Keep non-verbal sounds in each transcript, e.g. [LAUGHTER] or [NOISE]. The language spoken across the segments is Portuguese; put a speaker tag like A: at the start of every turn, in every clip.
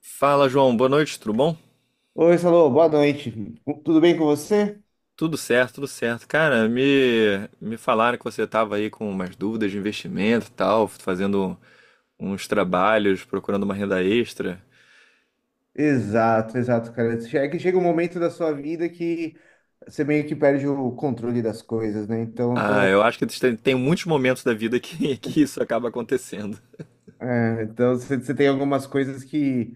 A: Fala, João. Boa noite, tudo bom?
B: Oi, Salô, boa noite. Tudo bem com você?
A: Tudo certo, tudo certo. Cara, me falaram que você estava aí com umas dúvidas de investimento e tal, fazendo uns trabalhos, procurando uma renda extra.
B: Exato, exato, cara. É que chega um momento da sua vida que você meio que perde o controle das coisas, né? Então, eu
A: Ah,
B: tô,
A: eu acho que tem muitos momentos da vida que, [LAUGHS] que isso acaba acontecendo.
B: é, então você tem algumas coisas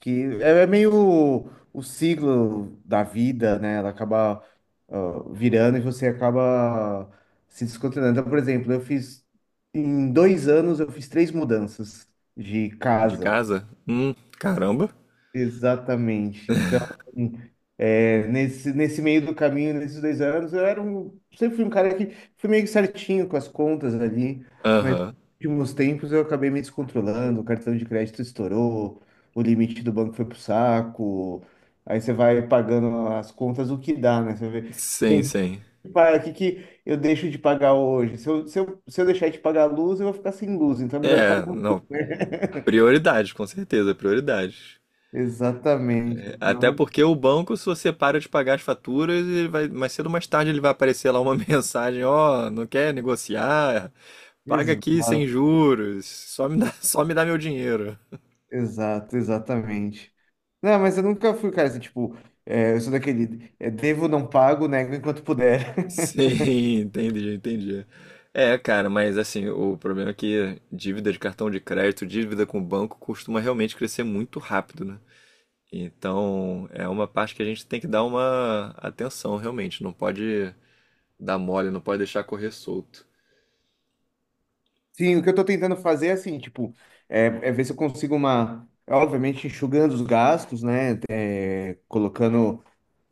B: que é meio o ciclo da vida, né? Ela acaba, ó, virando e você acaba se descontrolando. Então, por exemplo, eu fiz, em 2 anos, eu fiz 3 mudanças de
A: De
B: casa.
A: casa? Caramba.
B: Exatamente. Então, hum, é, nesse meio do caminho, nesses 2 anos, sempre fui um cara que fui meio que certinho com as contas ali, mas nos
A: Aham.
B: últimos tempos eu acabei me descontrolando, o cartão de crédito estourou, o limite do banco foi pro saco, aí você vai pagando as contas o que dá, né? Você vê,
A: Sim,
B: bem,
A: sim.
B: pá, o que que eu deixo de pagar hoje? Se eu deixar de pagar a luz, eu vou ficar sem luz, então é melhor eu
A: É,
B: pagar.
A: não.
B: [LAUGHS]
A: Prioridade, com certeza, prioridade.
B: Exatamente.
A: Até
B: Então,
A: porque o banco, se você para de pagar as faturas, ele vai, mais cedo ou mais tarde ele vai aparecer lá uma [LAUGHS] mensagem, ó, não quer negociar? Paga aqui sem
B: exato.
A: juros, só me dá, [LAUGHS] só me dá meu dinheiro.
B: Exato, exatamente. Não, mas eu nunca fui, cara, assim, tipo, é, eu sou daquele, é, devo, não pago, nego enquanto puder. [LAUGHS]
A: Sim, entendi, entendi. É, cara, mas assim, o problema é que dívida de cartão de crédito, dívida com o banco, costuma realmente crescer muito rápido, né? Então, é uma parte que a gente tem que dar uma atenção, realmente. Não pode dar mole, não pode deixar correr solto.
B: Sim, o que eu tô tentando fazer é assim, tipo, é ver se eu consigo uma, obviamente enxugando os gastos, né, colocando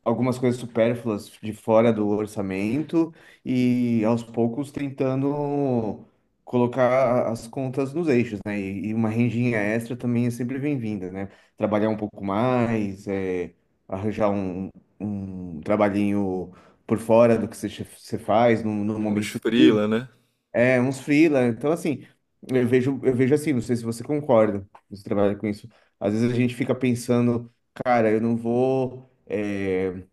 B: algumas coisas supérfluas de fora do orçamento e aos poucos tentando colocar as contas nos eixos, né? E uma rendinha extra também é sempre bem-vinda, né? Trabalhar um pouco mais, é, arranjar um, um trabalhinho por fora do que você faz no
A: Uns
B: momento livre.
A: freela, né?
B: É, uns freela. Então, assim, eu vejo assim, não sei se você concorda, você trabalha com isso. Às vezes a gente fica pensando, cara, eu não vou. É,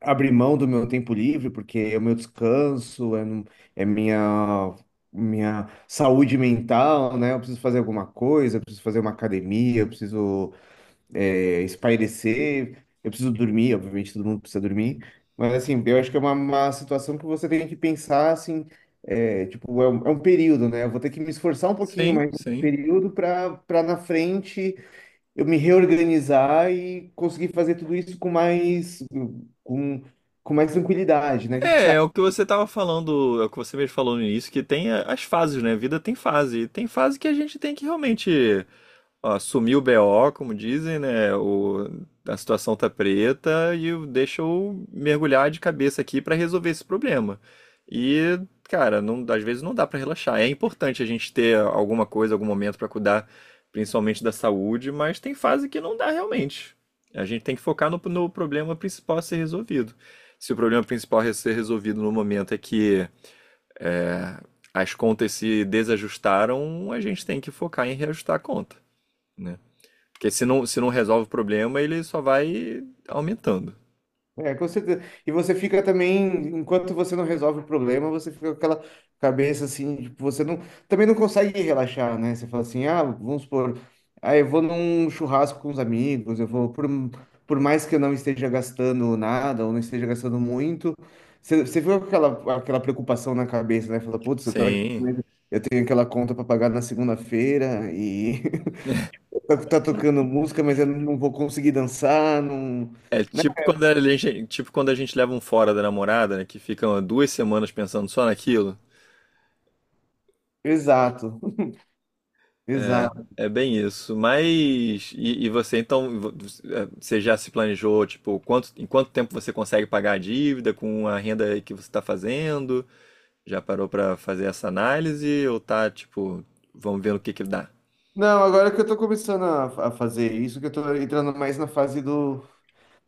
B: abrir mão do meu tempo livre, porque é o meu descanso, é minha, minha saúde mental, né? Eu preciso fazer alguma coisa, eu preciso fazer uma academia, eu preciso é, espairecer, eu preciso dormir, obviamente todo mundo precisa dormir, mas assim, eu acho que é uma situação que você tem que pensar assim, é, tipo, é um período, né? Eu vou ter que me esforçar um pouquinho
A: Sim,
B: mais nesse
A: sim.
B: período para na frente eu me reorganizar e conseguir fazer tudo isso com, com mais tranquilidade, né? O que que você
A: É, é o que você tava falando, é o que você mesmo falou no início, que tem as fases, né? A vida tem fase. E tem fase que a gente tem que realmente. Ó, sumiu o BO, como dizem, né? O, a situação tá preta e o- deixa eu mergulhar de cabeça aqui para resolver esse problema. E, cara, às vezes não dá para relaxar. É importante a gente ter alguma coisa, algum momento para cuidar, principalmente da saúde, mas tem fase que não dá realmente. A gente tem que focar no, no problema principal a ser resolvido. Se o problema principal a ser resolvido no momento é que é, as contas se desajustaram, a gente tem que focar em reajustar a conta, né? Porque se não resolve o problema, ele só vai aumentando.
B: É, com certeza. E você fica também, enquanto você não resolve o problema, você fica com aquela cabeça assim, tipo, você não, também não consegue relaxar, né? Você fala assim, ah, vamos supor, ah, eu vou num churrasco com os amigos, eu vou, por mais que eu não esteja gastando nada, ou não esteja gastando muito, você fica com aquela, aquela preocupação na cabeça, né? Fala, putz, eu tô aqui,
A: Sim.
B: né? Eu tenho aquela conta para pagar na segunda-feira e [LAUGHS] tá, tá tocando música, mas eu não vou conseguir dançar, não...
A: É
B: né?
A: tipo quando a gente, tipo quando a gente leva um fora da namorada, né? Que ficam duas semanas pensando só naquilo.
B: Exato.
A: É,
B: Exato.
A: é bem isso. Mas. E você então. Você já se planejou, tipo, quanto, em quanto tempo você consegue pagar a dívida com a renda que você está fazendo? Já parou pra fazer essa análise? Ou tá, tipo, vamos ver o que que dá?
B: Não, agora que eu tô começando a fazer isso, que eu tô entrando mais na fase do,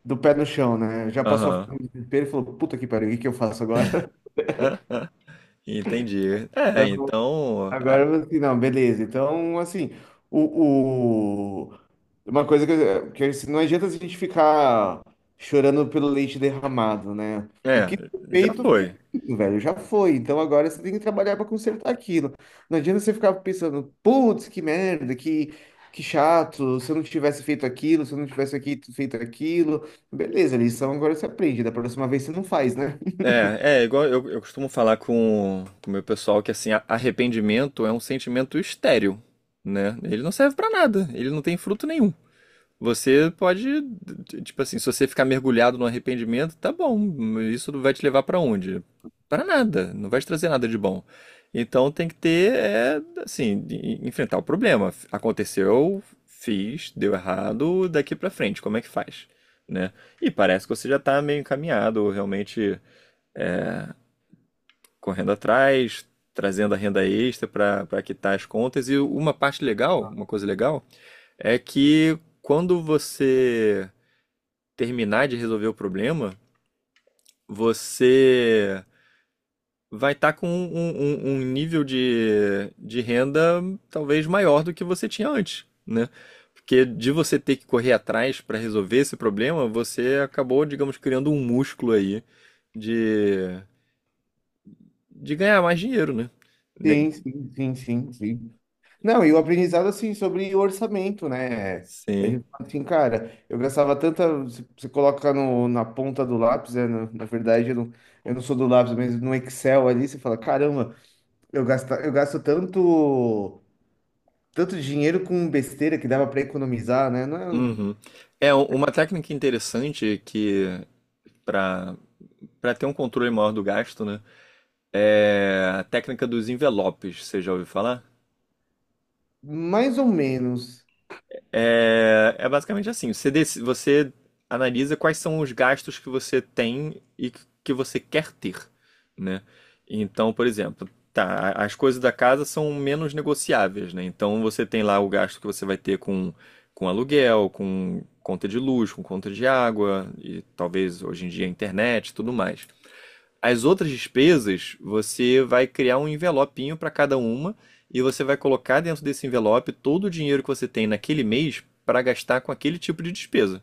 B: do pé no chão, né? Já passou a
A: Aham.
B: fase do desespero e falou, puta que pariu, o que que eu faço agora? [LAUGHS]
A: Ah, ah. Entendi. É,
B: Então,
A: então.
B: agora eu falei assim, não, beleza. Então, assim, o, o- uma coisa que, não adianta a gente ficar chorando pelo leite derramado, né? O que
A: É,
B: foi
A: já
B: feito,
A: foi.
B: o velho já foi, então agora você tem que trabalhar para consertar aquilo. Não adianta você ficar pensando, putz, que merda, que chato, se eu não tivesse feito aquilo, se eu não tivesse aqui feito aquilo. Beleza, lição agora você aprende, da próxima vez você não faz, né?
A: É, é igual eu costumo falar com o meu pessoal que assim, arrependimento é um sentimento estéril, né? Ele não serve pra nada, ele não tem fruto nenhum. Você pode, tipo assim, se você ficar mergulhado no arrependimento, tá bom, isso não vai te levar pra onde? Pra nada, não vai te trazer nada de bom. Então tem que ter, é, assim, enfrentar o problema. Aconteceu, fiz, deu errado, daqui pra frente, como é que faz? Né? E parece que você já tá meio encaminhado, realmente correndo atrás, trazendo a renda extra pra para quitar as contas. E uma parte legal, uma coisa legal, é que quando você terminar de resolver o problema, você vai estar com um nível de renda talvez maior do que você tinha antes, né? Porque de você ter que correr atrás para resolver esse problema, você acabou, digamos, criando um músculo aí de, de ganhar mais dinheiro, né? Ne-
B: Sim, sim, sim, sim, sim. Não, e o aprendizado, assim, sobre orçamento, né? A
A: Sim.
B: gente fala assim, cara, eu gastava tanta. Você coloca no, na ponta do lápis, né? Na verdade, eu não sou do lápis, mas no Excel ali, você fala, caramba. Eu gasto tanto, tanto dinheiro com besteira que dava para economizar, né? Não é-
A: Uhum. É uma técnica interessante que para para ter um controle maior do gasto, né? É, a técnica dos envelopes, você já ouviu falar?
B: mais ou menos.
A: É, é basicamente assim: você, você analisa quais são os gastos que você tem e que você quer ter, né? Então, por exemplo, tá, as coisas da casa são menos negociáveis, né? Então você tem lá o gasto que você vai ter com aluguel, com conta de luz, com conta de água, e talvez hoje em dia internet e tudo mais. As outras despesas, você vai criar um envelopinho para cada uma e você vai colocar dentro desse envelope todo o dinheiro que você tem naquele mês para gastar com aquele tipo de despesa.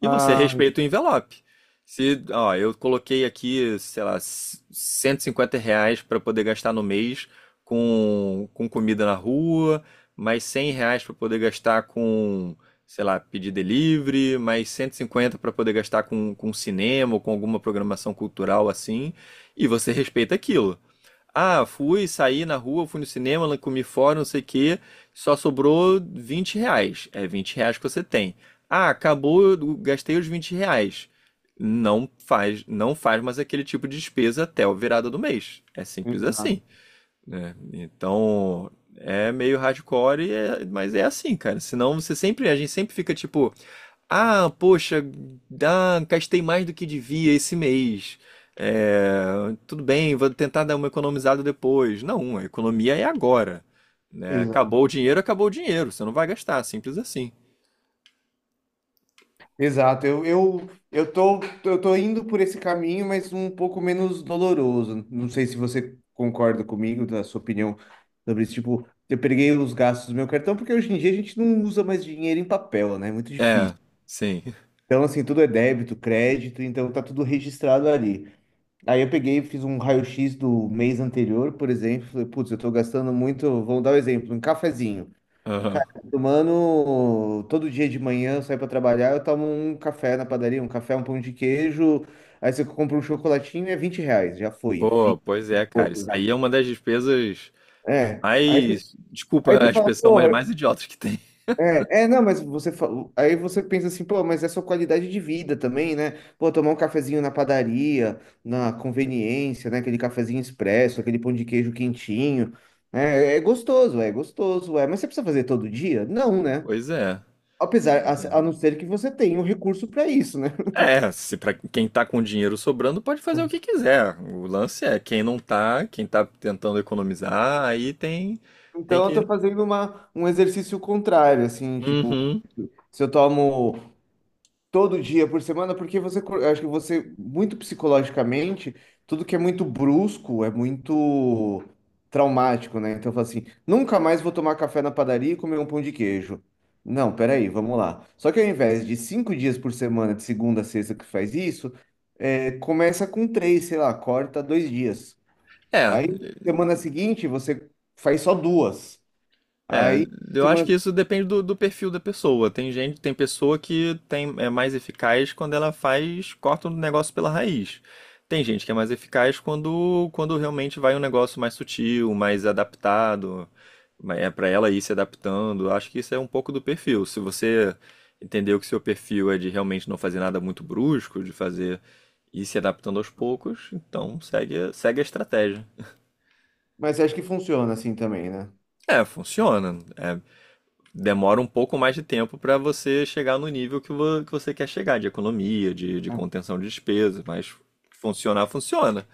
A: E você
B: Ah,
A: respeita o envelope. Se, ó, eu coloquei aqui, sei lá, 150 reais para poder gastar no mês com comida na rua, mais 100 reais para poder gastar com, sei lá, pedir delivery, mais 150 para poder gastar com cinema ou com alguma programação cultural assim, e você respeita aquilo. Ah, fui, saí na rua, fui no cinema, lá comi fora, não sei o quê. Só sobrou 20 reais. É 20 reais que você tem. Ah, acabou, eu gastei os 20 reais. Não faz, não faz mais aquele tipo de despesa até a virada do mês. É simples
B: exato,
A: assim, né? Então, é meio hardcore, e mas é assim, cara. Senão você sempre, a gente sempre fica tipo, ah, poxa, ah, gastei mais do que devia esse mês. É, tudo bem, vou tentar dar uma economizada depois. Não, a economia é agora, né? Acabou o
B: exato.
A: dinheiro, acabou o dinheiro. Você não vai gastar, simples assim.
B: Exato. Eu tô indo por esse caminho, mas um pouco menos doloroso. Não sei se você concorda comigo, da sua opinião sobre isso. Tipo, eu peguei os gastos do meu cartão, porque hoje em dia a gente não usa mais dinheiro em papel, né? É muito
A: É,
B: difícil.
A: sim. [LAUGHS]
B: Então, assim, tudo é débito, crédito, então tá tudo registrado ali. Aí eu peguei, fiz um raio-x do mês anterior, por exemplo. Falei, putz, eu tô gastando muito. Vamos dar um exemplo: um cafezinho.
A: Aham.
B: Cara, eu tô tomando todo dia de manhã, eu saio pra trabalhar, eu tomo um café na padaria, um café, um pão de queijo. Aí você compra um chocolatinho, é 20 reais. Já foi,
A: Pô,
B: 20
A: pois
B: e
A: é, cara. Isso aí é
B: pouco.
A: uma das despesas
B: É.
A: mais.
B: Aí
A: Desculpa a
B: você fala,
A: expressão, mas
B: porra,
A: mais idiotas que tem. [LAUGHS]
B: Não, mas aí você pensa assim, pô, mas é sua qualidade de vida também, né? Pô, tomar um cafezinho na padaria, na conveniência, né? Aquele cafezinho expresso, aquele pão de queijo quentinho, né? É gostoso, é gostoso, é. Mas você precisa fazer todo dia? Não, né?
A: Pois é.
B: Apesar,
A: Pois é.
B: a não ser que você tenha um recurso para isso, né? [LAUGHS]
A: É, se para quem tá com dinheiro sobrando pode fazer o que quiser. O lance é quem não tá, quem tá tentando economizar, aí tem
B: Então eu tô
A: que.
B: fazendo um exercício contrário, assim, tipo,
A: Uhum.
B: se eu tomo todo dia por semana, porque acho que você, muito psicologicamente, tudo que é muito brusco é muito traumático, né? Então, eu falo assim, nunca mais vou tomar café na padaria e comer um pão de queijo. Não, peraí, vamos lá. Só que ao invés de 5 dias por semana, de segunda a sexta, que faz isso, é, começa com três, sei lá, corta 2 dias.
A: É,
B: Aí, semana seguinte, você faz só duas.
A: É,
B: Aí,
A: eu acho
B: semana...
A: que isso depende do, do perfil da pessoa. Tem gente, tem pessoa que tem, é mais eficaz quando ela faz, corta um negócio pela raiz. Tem gente que é mais eficaz quando, quando realmente vai um negócio mais sutil, mais adaptado, é para ela ir se adaptando. Acho que isso é um pouco do perfil. Se você entendeu que seu perfil é de realmente não fazer nada muito brusco, de fazer ir se adaptando aos poucos, então segue, segue a estratégia.
B: Mas acho que funciona assim também, né?
A: É, funciona. É, demora um pouco mais de tempo para você chegar no nível que, que você quer chegar, de economia, de contenção de despesas, mas funcionar, funciona.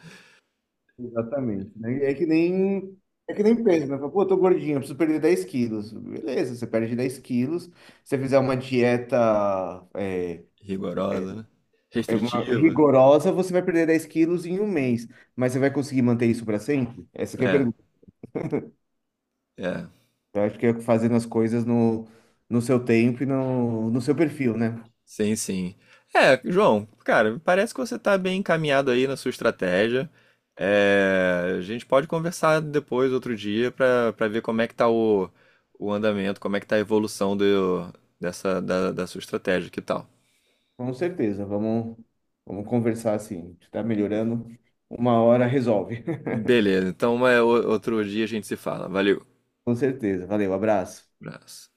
B: Exatamente, né? É que nem peso, né? Fala, pô, eu tô gordinho, eu preciso perder 10 quilos. Beleza, você perde 10 quilos. Se você fizer uma dieta é,
A: Rigorosa, né? Restritiva.
B: rigorosa, você vai perder 10 quilos em um mês. Mas você vai conseguir manter isso para sempre? Essa que é a
A: É,
B: pergunta.
A: é.
B: Eu acho que é fazendo as coisas no seu tempo e no seu perfil, né?
A: Sim, sim. É, João, cara, parece que você tá bem encaminhado aí na sua estratégia. É, a gente pode conversar depois, outro dia, para ver como é que tá o andamento, como é que tá a evolução dessa, da sua estratégia, que tal?
B: Com certeza, vamos, vamos conversar assim. Tá melhorando, uma hora resolve. [LAUGHS]
A: Beleza, então é, outro dia a gente se fala. Valeu.
B: Com certeza. Valeu, abraço.
A: Abraço.